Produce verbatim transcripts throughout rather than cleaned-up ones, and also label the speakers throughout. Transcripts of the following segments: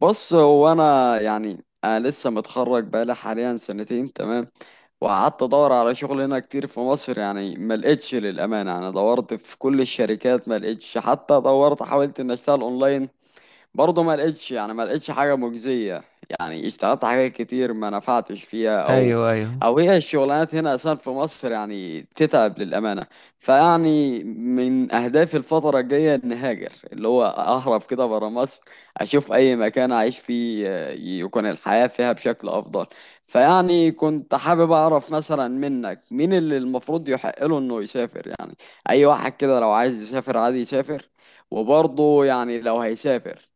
Speaker 1: بص، هو انا يعني انا لسه متخرج بقالي حاليا سنتين. تمام، وقعدت ادور على شغل هنا كتير في مصر، يعني ما لقيتش للامانه. انا دورت في كل الشركات ما لقيتش، حتى دورت حاولت ان اشتغل اونلاين برضه ما لقيتش يعني ما لقيتش حاجة مجزية. يعني اشتغلت حاجات كتير ما نفعتش فيها، او
Speaker 2: ايوه ايوه
Speaker 1: او هي الشغلانات هنا اصلا في مصر يعني تتعب للأمانة. فيعني من اهدافي الفترة الجاية ان هاجر، اللي هو اهرب كده برا مصر، اشوف اي مكان اعيش فيه آه، يكون الحياة فيها بشكل افضل. فيعني كنت حابب اعرف مثلا منك مين اللي المفروض يحق له انه يسافر. يعني اي واحد كده لو عايز يسافر عادي يسافر؟ وبرضه يعني لو هيسافر،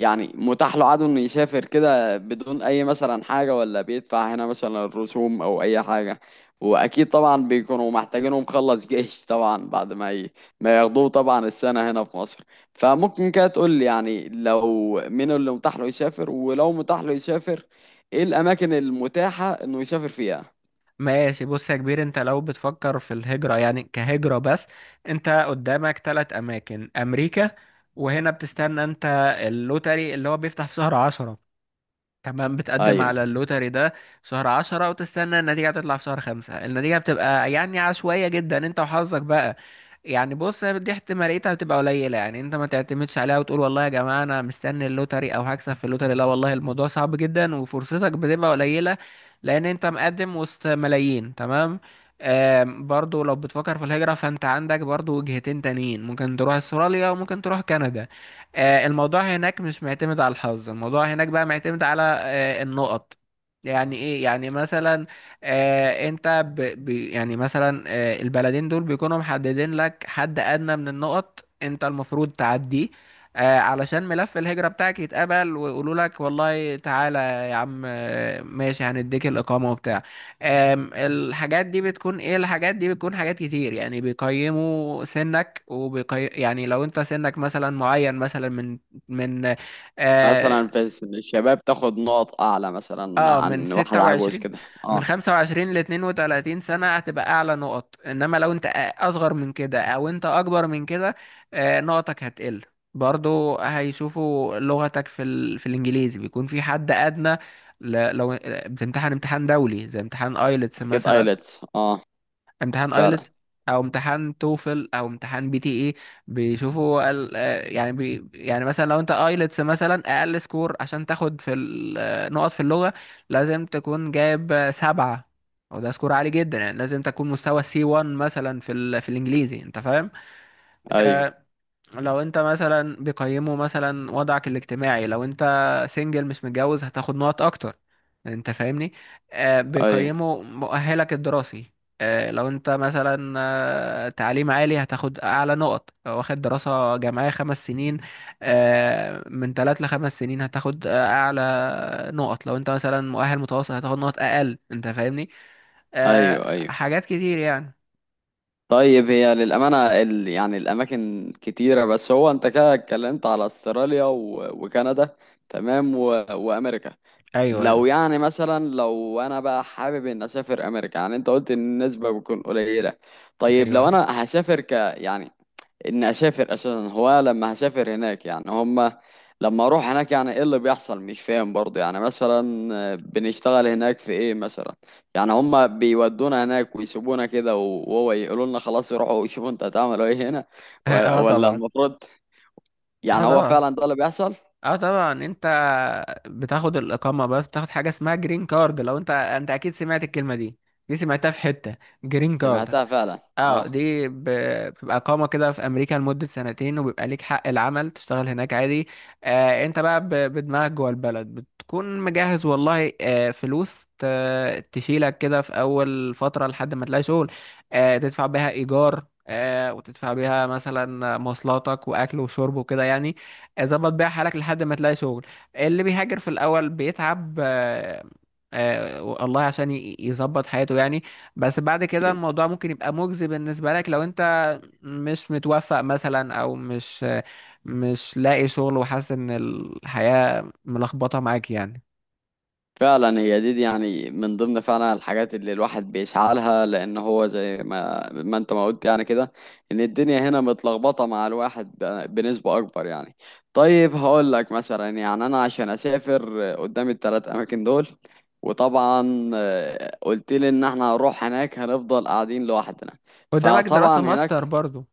Speaker 1: يعني متاح له عدو انه يسافر كده بدون اي مثلا حاجة، ولا بيدفع هنا مثلا الرسوم او اي حاجة؟ واكيد طبعا بيكونوا محتاجينه مخلص جيش طبعا بعد ما ي... ما ياخدوه طبعا السنة هنا في مصر. فممكن كده تقول لي يعني لو مين اللي متاح له يسافر، ولو متاح له يسافر، ايه الاماكن المتاحة انه يسافر فيها؟
Speaker 2: ماشي بص يا كبير، انت لو بتفكر في الهجرة يعني كهجرة بس انت قدامك ثلاث اماكن: امريكا. وهنا بتستنى انت اللوتري اللي هو بيفتح في شهر عشرة، كمان بتقدم
Speaker 1: ايوه،
Speaker 2: على اللوتري ده في شهر عشرة وتستنى النتيجة تطلع في شهر خمسة. النتيجة بتبقى يعني عشوائية جدا، انت وحظك بقى. يعني بص هي دي احتماليتها بتبقى قليلة، يعني انت ما تعتمدش عليها وتقول والله يا جماعة انا مستني اللوتري او هكسب في اللوتري. لا والله الموضوع صعب جدا وفرصتك بتبقى قليلة لان انت مقدم وسط ملايين. تمام. آم، برضو لو بتفكر في الهجرة فانت عندك برضو وجهتين تانيين، ممكن تروح استراليا وممكن تروح كندا. آه، الموضوع هناك مش معتمد على الحظ، الموضوع هناك بقى معتمد على آه، النقط. يعني ايه؟ يعني مثلا آه انت ب ب يعني مثلا آه البلدين دول بيكونوا محددين لك حد ادنى من النقط انت المفروض تعديه آه علشان ملف الهجرة بتاعك يتقبل ويقولوا لك والله تعالى يا عم آه، ماشي هنديك الإقامة وبتاع. آم، الحاجات دي بتكون ايه؟ الحاجات دي بتكون حاجات كتير، يعني بيقيموا سنك وبيقي... يعني لو انت سنك مثلا معين، مثلا من من اه,
Speaker 1: مثلا في سن الشباب تاخد نقط اعلى مثلا
Speaker 2: آه من
Speaker 1: عن واحد عجوز
Speaker 2: ستة وعشرين،
Speaker 1: كده.
Speaker 2: من
Speaker 1: اه،
Speaker 2: خمسة وعشرين ل اتنين وثلاثين سنة هتبقى أعلى نقط، إنما لو أنت أصغر من كده أو أنت أكبر من كده آه، نقطك هتقل. برضو هيشوفوا لغتك في ال... في الإنجليزي بيكون في حد أدنى. ل... لو آه، بتمتحن امتحان دولي زي امتحان ايلتس
Speaker 1: اكيد
Speaker 2: مثلا،
Speaker 1: ايلتس، اه
Speaker 2: امتحان
Speaker 1: فعلا.
Speaker 2: ايلتس او امتحان توفل او امتحان بي تي اي، بيشوفوا ال... آه، يعني بي... يعني مثلا لو انت ايلتس مثلا اقل سكور عشان تاخد في ال... آه، نقط في اللغة لازم تكون جايب آه، سبعة، وده سكور عالي جدا. يعني لازم تكون مستوى سي 1 مثلا في ال... في الانجليزي، انت فاهم؟
Speaker 1: ايوه،
Speaker 2: آه، لو انت مثلا بيقيموا مثلا وضعك الاجتماعي، لو انت سنجل مش متجوز هتاخد نقط اكتر، انت فاهمني؟ آه
Speaker 1: ايوه،
Speaker 2: بيقيموا مؤهلك الدراسي، آه لو انت مثلا آه تعليم عالي هتاخد اعلى نقط، لو واخد دراسة جامعية خمس سنين، آه من ثلاث لخمس سنين هتاخد آه اعلى نقط، لو انت مثلا مؤهل متوسط هتاخد نقط اقل، انت فاهمني؟ آه
Speaker 1: ايوه، ايوه.
Speaker 2: حاجات كتير يعني.
Speaker 1: طيب، هي للامانه ال... يعني الاماكن كتيره، بس هو انت كده اتكلمت على استراليا و... وكندا، تمام، و... وامريكا.
Speaker 2: ايوه
Speaker 1: لو
Speaker 2: ايوه
Speaker 1: يعني مثلا لو انا بقى حابب ان اسافر امريكا، يعني انت قلت ان النسبه بتكون قليله. طيب لو
Speaker 2: ايوه.
Speaker 1: انا هسافر، ك يعني اني اسافر اساسا، هو لما هسافر هناك يعني هما لما اروح هناك يعني ايه اللي بيحصل؟ مش فاهم برضه. يعني مثلا آه، بنشتغل هناك في ايه مثلا؟ يعني هما بيودونا هناك ويسيبونا كده و- وهو يقولوا لنا خلاص روحوا شوفوا انتوا هتعملوا ايه هنا، و-
Speaker 2: اه
Speaker 1: ولا
Speaker 2: طبعا.
Speaker 1: المفروض؟
Speaker 2: اه
Speaker 1: يعني هو
Speaker 2: طبعا.
Speaker 1: فعلا ده اللي بيحصل؟
Speaker 2: اه طبعا انت بتاخد الاقامه بس تاخد حاجه اسمها جرين كارد، لو انت انت اكيد سمعت الكلمه دي، دي سمعتها في حته، جرين كارد.
Speaker 1: سمعتها فعلا،
Speaker 2: اه
Speaker 1: اه.
Speaker 2: دي ب- بتبقى اقامه كده في امريكا لمده سنتين، وبيبقى ليك حق العمل تشتغل هناك عادي. آه انت بقى ب- بدماغك جوه البلد بتكون مجهز والله آه فلوس ت- تشيلك كده في اول فتره لحد ما تلاقي شغل، آه تدفع بيها ايجار آه وتدفع بيها مثلا مواصلاتك واكل وشرب وكده يعني، آه، ظبط بيها حالك لحد ما تلاقي شغل. اللي بيهاجر في الاول بيتعب آه آه الله عشان ي- يظبط حياته يعني. بس بعد كده
Speaker 1: اكيد.
Speaker 2: الموضوع ممكن يبقى مجزي بالنسبة لك، لو انت مش متوفق مثلا او مش مش لاقي شغل وحاسس ان الحياة ملخبطة معاك يعني.
Speaker 1: فعلا، هي دي, دي يعني من ضمن فعلا الحاجات اللي الواحد بيسعى لها، لان هو زي ما ما انت ما قلت يعني كده، ان الدنيا هنا متلخبطه مع الواحد ب- بنسبه اكبر يعني. طيب هقول لك مثلا، يعني انا عشان اسافر قدام الثلاث اماكن دول، وطبعا آه، قلت لي ان احنا هنروح هناك هنفضل قاعدين لوحدنا.
Speaker 2: قدامك
Speaker 1: فطبعا
Speaker 2: دراسة ماستر
Speaker 1: هناك،
Speaker 2: برضو،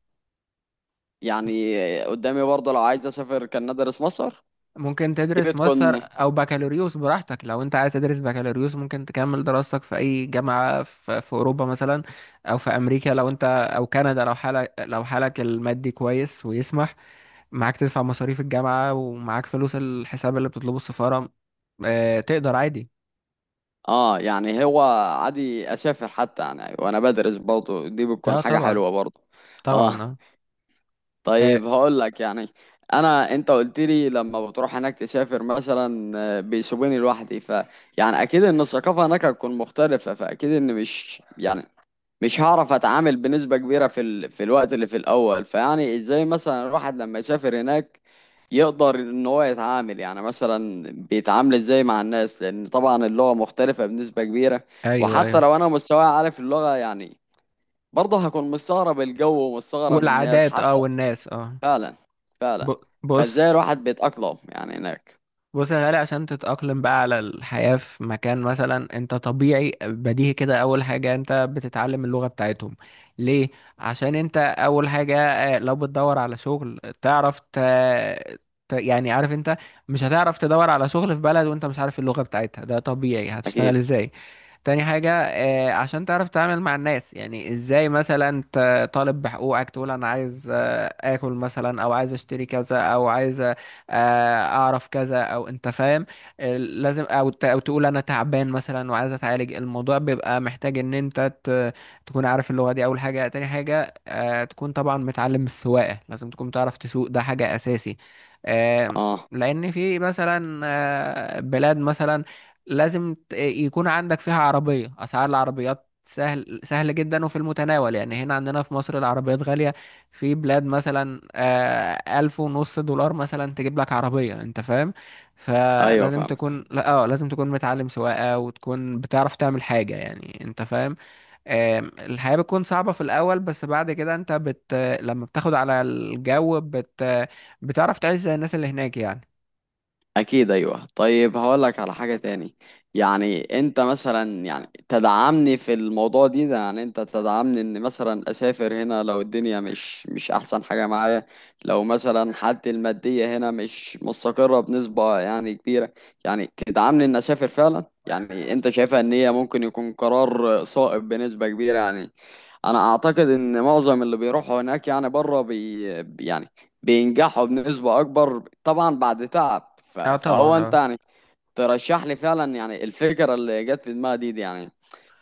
Speaker 1: يعني قدامي برضه لو عايز اسافر كان ندرس مصر.
Speaker 2: ممكن
Speaker 1: دي
Speaker 2: تدرس ماستر
Speaker 1: بتكون،
Speaker 2: او بكالوريوس براحتك. لو انت عايز تدرس بكالوريوس ممكن تكمل دراستك في اي جامعة في, في اوروبا مثلا او في امريكا، لو انت او كندا، لو حالك لو حالك المادي كويس ويسمح معاك تدفع مصاريف الجامعة ومعاك فلوس الحساب اللي بتطلبه السفارة، آه تقدر عادي.
Speaker 1: اه يعني هو عادي اسافر حتى يعني وانا بدرس برضه، دي بتكون
Speaker 2: اه
Speaker 1: حاجه
Speaker 2: طبعا.
Speaker 1: حلوه برضه. اه.
Speaker 2: طبعا اه, آه
Speaker 1: طيب هقول لك يعني، انا انت قلت لي لما بتروح هناك تسافر مثلا آه، بيسيبوني لوحدي، ف يعني اكيد ان الثقافه هناك هتكون مختلفه، فاكيد ان مش يعني مش هعرف اتعامل بنسبة كبيرة في ال... في الوقت اللي في الاول. فيعني ازاي مثلا الواحد لما يسافر هناك يقدر ان هو يتعامل، يعني مثلا بيتعامل ازاي مع الناس؟ لان طبعا اللغة مختلفة بنسبة كبيرة.
Speaker 2: ايوه
Speaker 1: وحتى
Speaker 2: ايوه،
Speaker 1: لو انا مستواي عارف اللغة يعني، برضه هكون مستغرب الجو ومستغرب الناس
Speaker 2: والعادات اه
Speaker 1: حتى.
Speaker 2: والناس اه.
Speaker 1: فعلا، فعلا.
Speaker 2: ب- بص.
Speaker 1: فازاي الواحد بيتأقلم يعني هناك؟
Speaker 2: بص يا غالي، عشان تتأقلم بقى على الحياة في مكان، مثلا انت طبيعي بديهي كده، اول حاجة انت بتتعلم اللغة بتاعتهم. ليه؟ عشان انت اول حاجة آه، لو بتدور على شغل تعرف ت... ت... يعني عارف انت مش هتعرف تدور على شغل في بلد وانت مش عارف اللغة بتاعتها، ده طبيعي
Speaker 1: اكيد،
Speaker 2: هتشتغل ازاي؟ تاني حاجة آه، عشان تعرف تتعامل مع الناس، يعني ازاي مثلا انت طالب بحقوقك تقول انا عايز آه، اكل مثلا او عايز اشتري كذا او عايز آه، اعرف كذا، او انت فاهم؟ آه، لازم او ت- او تقول انا تعبان مثلا وعايز اتعالج، الموضوع بيبقى محتاج ان انت ت- تكون عارف اللغة دي، اول حاجة. تاني حاجة آه، تكون طبعا متعلم السواقة، لازم تكون تعرف تسوق، ده حاجة اساسي. آه،
Speaker 1: اه.
Speaker 2: لان في مثلا آه، بلاد مثلا لازم ت- يكون عندك فيها عربية، اسعار العربيات سهل سهل جدا وفي المتناول، يعني هنا عندنا في مصر العربيات غالية، في بلاد مثلا آه، ألف ونص دولار مثلا تجيب لك عربية، أنت فاهم؟
Speaker 1: ايوه
Speaker 2: فلازم
Speaker 1: فاهمك،
Speaker 2: تكون لا اه لازم تكون متعلم سواقة وتكون بتعرف تعمل حاجة، يعني أنت فاهم؟ آم، الحياة بتكون صعبة في الأول، بس بعد كده أنت بت لما بتاخد على الجو بت بتعرف تعيش زي الناس اللي هناك يعني.
Speaker 1: اكيد، ايوه. طيب هقول لك على حاجه تاني. يعني انت مثلا، يعني تدعمني في الموضوع دي ده؟ يعني انت تدعمني ان مثلا اسافر، هنا لو الدنيا مش مش احسن حاجه معايا، لو مثلا حالتي الماديه هنا مش مستقره بنسبه يعني كبيره، يعني تدعمني ان اسافر فعلا؟ يعني انت شايفها ان هي ممكن يكون قرار صائب بنسبه كبيره يعني؟ انا اعتقد ان معظم اللي بيروحوا هناك يعني بره، بي يعني بينجحوا بنسبة اكبر طبعا بعد تعب. ف-
Speaker 2: اه طبعا.
Speaker 1: فهو انت
Speaker 2: اه.
Speaker 1: يعني ترشح لي فعلا يعني الفكرة اللي جت في دماغي دي, دي يعني،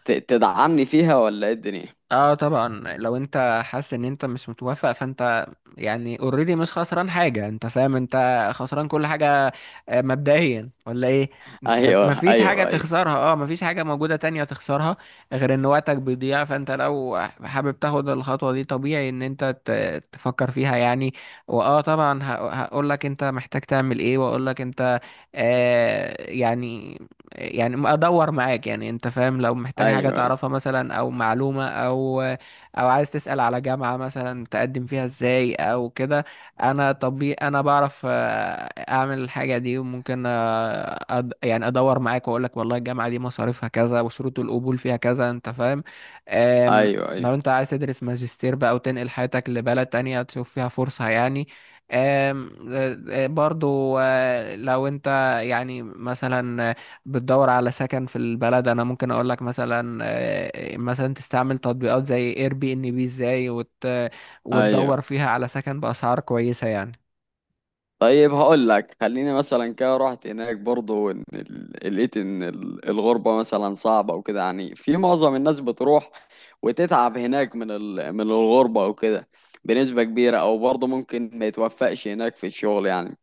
Speaker 1: ت- تدعمني فيها ولا ايه الدنيا؟
Speaker 2: اه طبعا لو انت حاسس ان انت مش متوافق فانت يعني اوريدي مش خسران حاجة، انت فاهم؟ انت خسران كل حاجة آه، مبدئيا، ولا ايه؟ م-
Speaker 1: ايوه،
Speaker 2: مفيش حاجة
Speaker 1: ايوه، ايوه،
Speaker 2: تخسرها، اه مفيش حاجة موجودة تانية تخسرها غير ان وقتك بيضيع. فانت لو حابب تاخد الخطوة دي، طبيعي ان انت ت- تفكر فيها يعني. واه طبعا هقول لك انت محتاج تعمل ايه، واقول لك انت آه يعني يعني ادور معاك، يعني انت فاهم، لو محتاج حاجة
Speaker 1: ايوه،
Speaker 2: تعرفها مثلا او معلومة او او عايز تسأل على جامعة مثلا تقدم فيها ازاي او كده. انا طبيب، انا بعرف آه، اعمل الحاجة دي، وممكن آه، أد... يعني ادور معاك واقول لك والله الجامعة دي مصاريفها كذا وشروط القبول فيها كذا، انت فاهم؟ آم،
Speaker 1: ايوه،
Speaker 2: لو
Speaker 1: ايوه،
Speaker 2: انت عايز تدرس ماجستير بقى وتنقل حياتك لبلد تانية تشوف فيها فرصة يعني. آم، آه، آه، برضو آه، لو انت يعني مثلا بتدور على سكن في البلد، انا ممكن اقول لك مثلا آه، مثلا تستعمل تطبيقات زي اير بي ان بي ازاي، وت...
Speaker 1: ايوه.
Speaker 2: وتدور فيها على سكن باسعار كويسة يعني.
Speaker 1: طيب هقول لك، خليني مثلا كده رحت هناك برضه إن ال- لقيت ان ال- الغربة مثلا صعبة وكده، يعني في معظم الناس بتروح وتتعب هناك من ال... من الغربة وكده بنسبة كبيرة، او برضه ممكن ما يتوفقش هناك في الشغل يعني.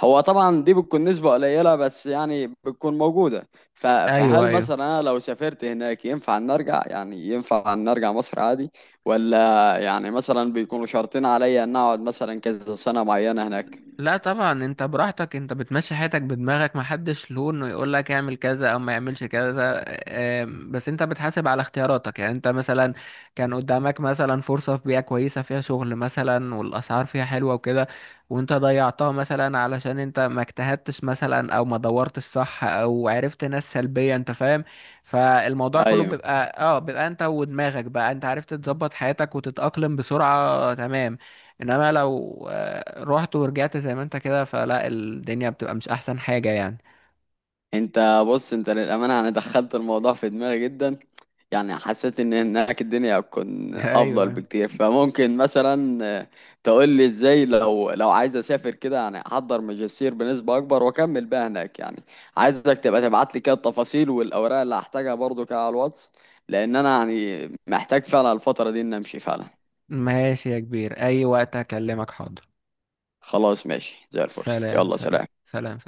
Speaker 1: هو طبعا دي بتكون نسبة قليلة بس يعني بتكون موجودة. ف...
Speaker 2: ايوه
Speaker 1: فهل
Speaker 2: ايوه.
Speaker 1: مثلا انا لو سافرت هناك ينفع ان ارجع، يعني ينفع ان ارجع مصر عادي؟ ولا يعني مثلا بيكونوا شرطين عليا ان اقعد مثلا كذا سنة معينة هناك؟
Speaker 2: لا طبعا انت براحتك، انت بتمشي حياتك بدماغك، محدش له انه يقول لك اعمل كذا او ما يعملش كذا. آم، بس انت بتحاسب على اختياراتك، يعني انت مثلا كان قدامك مثلا فرصة في بيئة كويسة فيها شغل مثلا والاسعار فيها حلوة وكده، وانت ضيعتها مثلا علشان انت ما اجتهدتش مثلا او ما دورتش صح او عرفت ناس سلبية، انت فاهم؟ فالموضوع كله
Speaker 1: ايوه.
Speaker 2: بيبقى اه بيبقى انت ودماغك بقى، انت عرفت تظبط حياتك وتتأقلم بسرعة تمام. انما لو آه، رحت ورجعت زي ما انت كده، فلا الدنيا بتبقى مش احسن حاجة يعني.
Speaker 1: انت بص، انت للامانه يعني دخلت الموضوع في دماغي جدا، يعني حسيت ان هناك الدنيا هتكون افضل
Speaker 2: ايوه،
Speaker 1: بكتير. فممكن مثلا آه، تقول لي ازاي لو لو عايز اسافر كده، يعني احضر ماجستير بنسبه اكبر واكمل بقى هناك يعني. عايزك تبقى تبعت لي كده التفاصيل والاوراق اللي هحتاجها برضو كده على الواتس، لان انا يعني محتاج فعلا الفتره دي ان امشي فعلا.
Speaker 2: ماشي يا كبير، اي وقت اكلمك حاضر.
Speaker 1: خلاص ماشي، زي الفل،
Speaker 2: سلام
Speaker 1: يلا
Speaker 2: سلام
Speaker 1: سلام.
Speaker 2: سلام.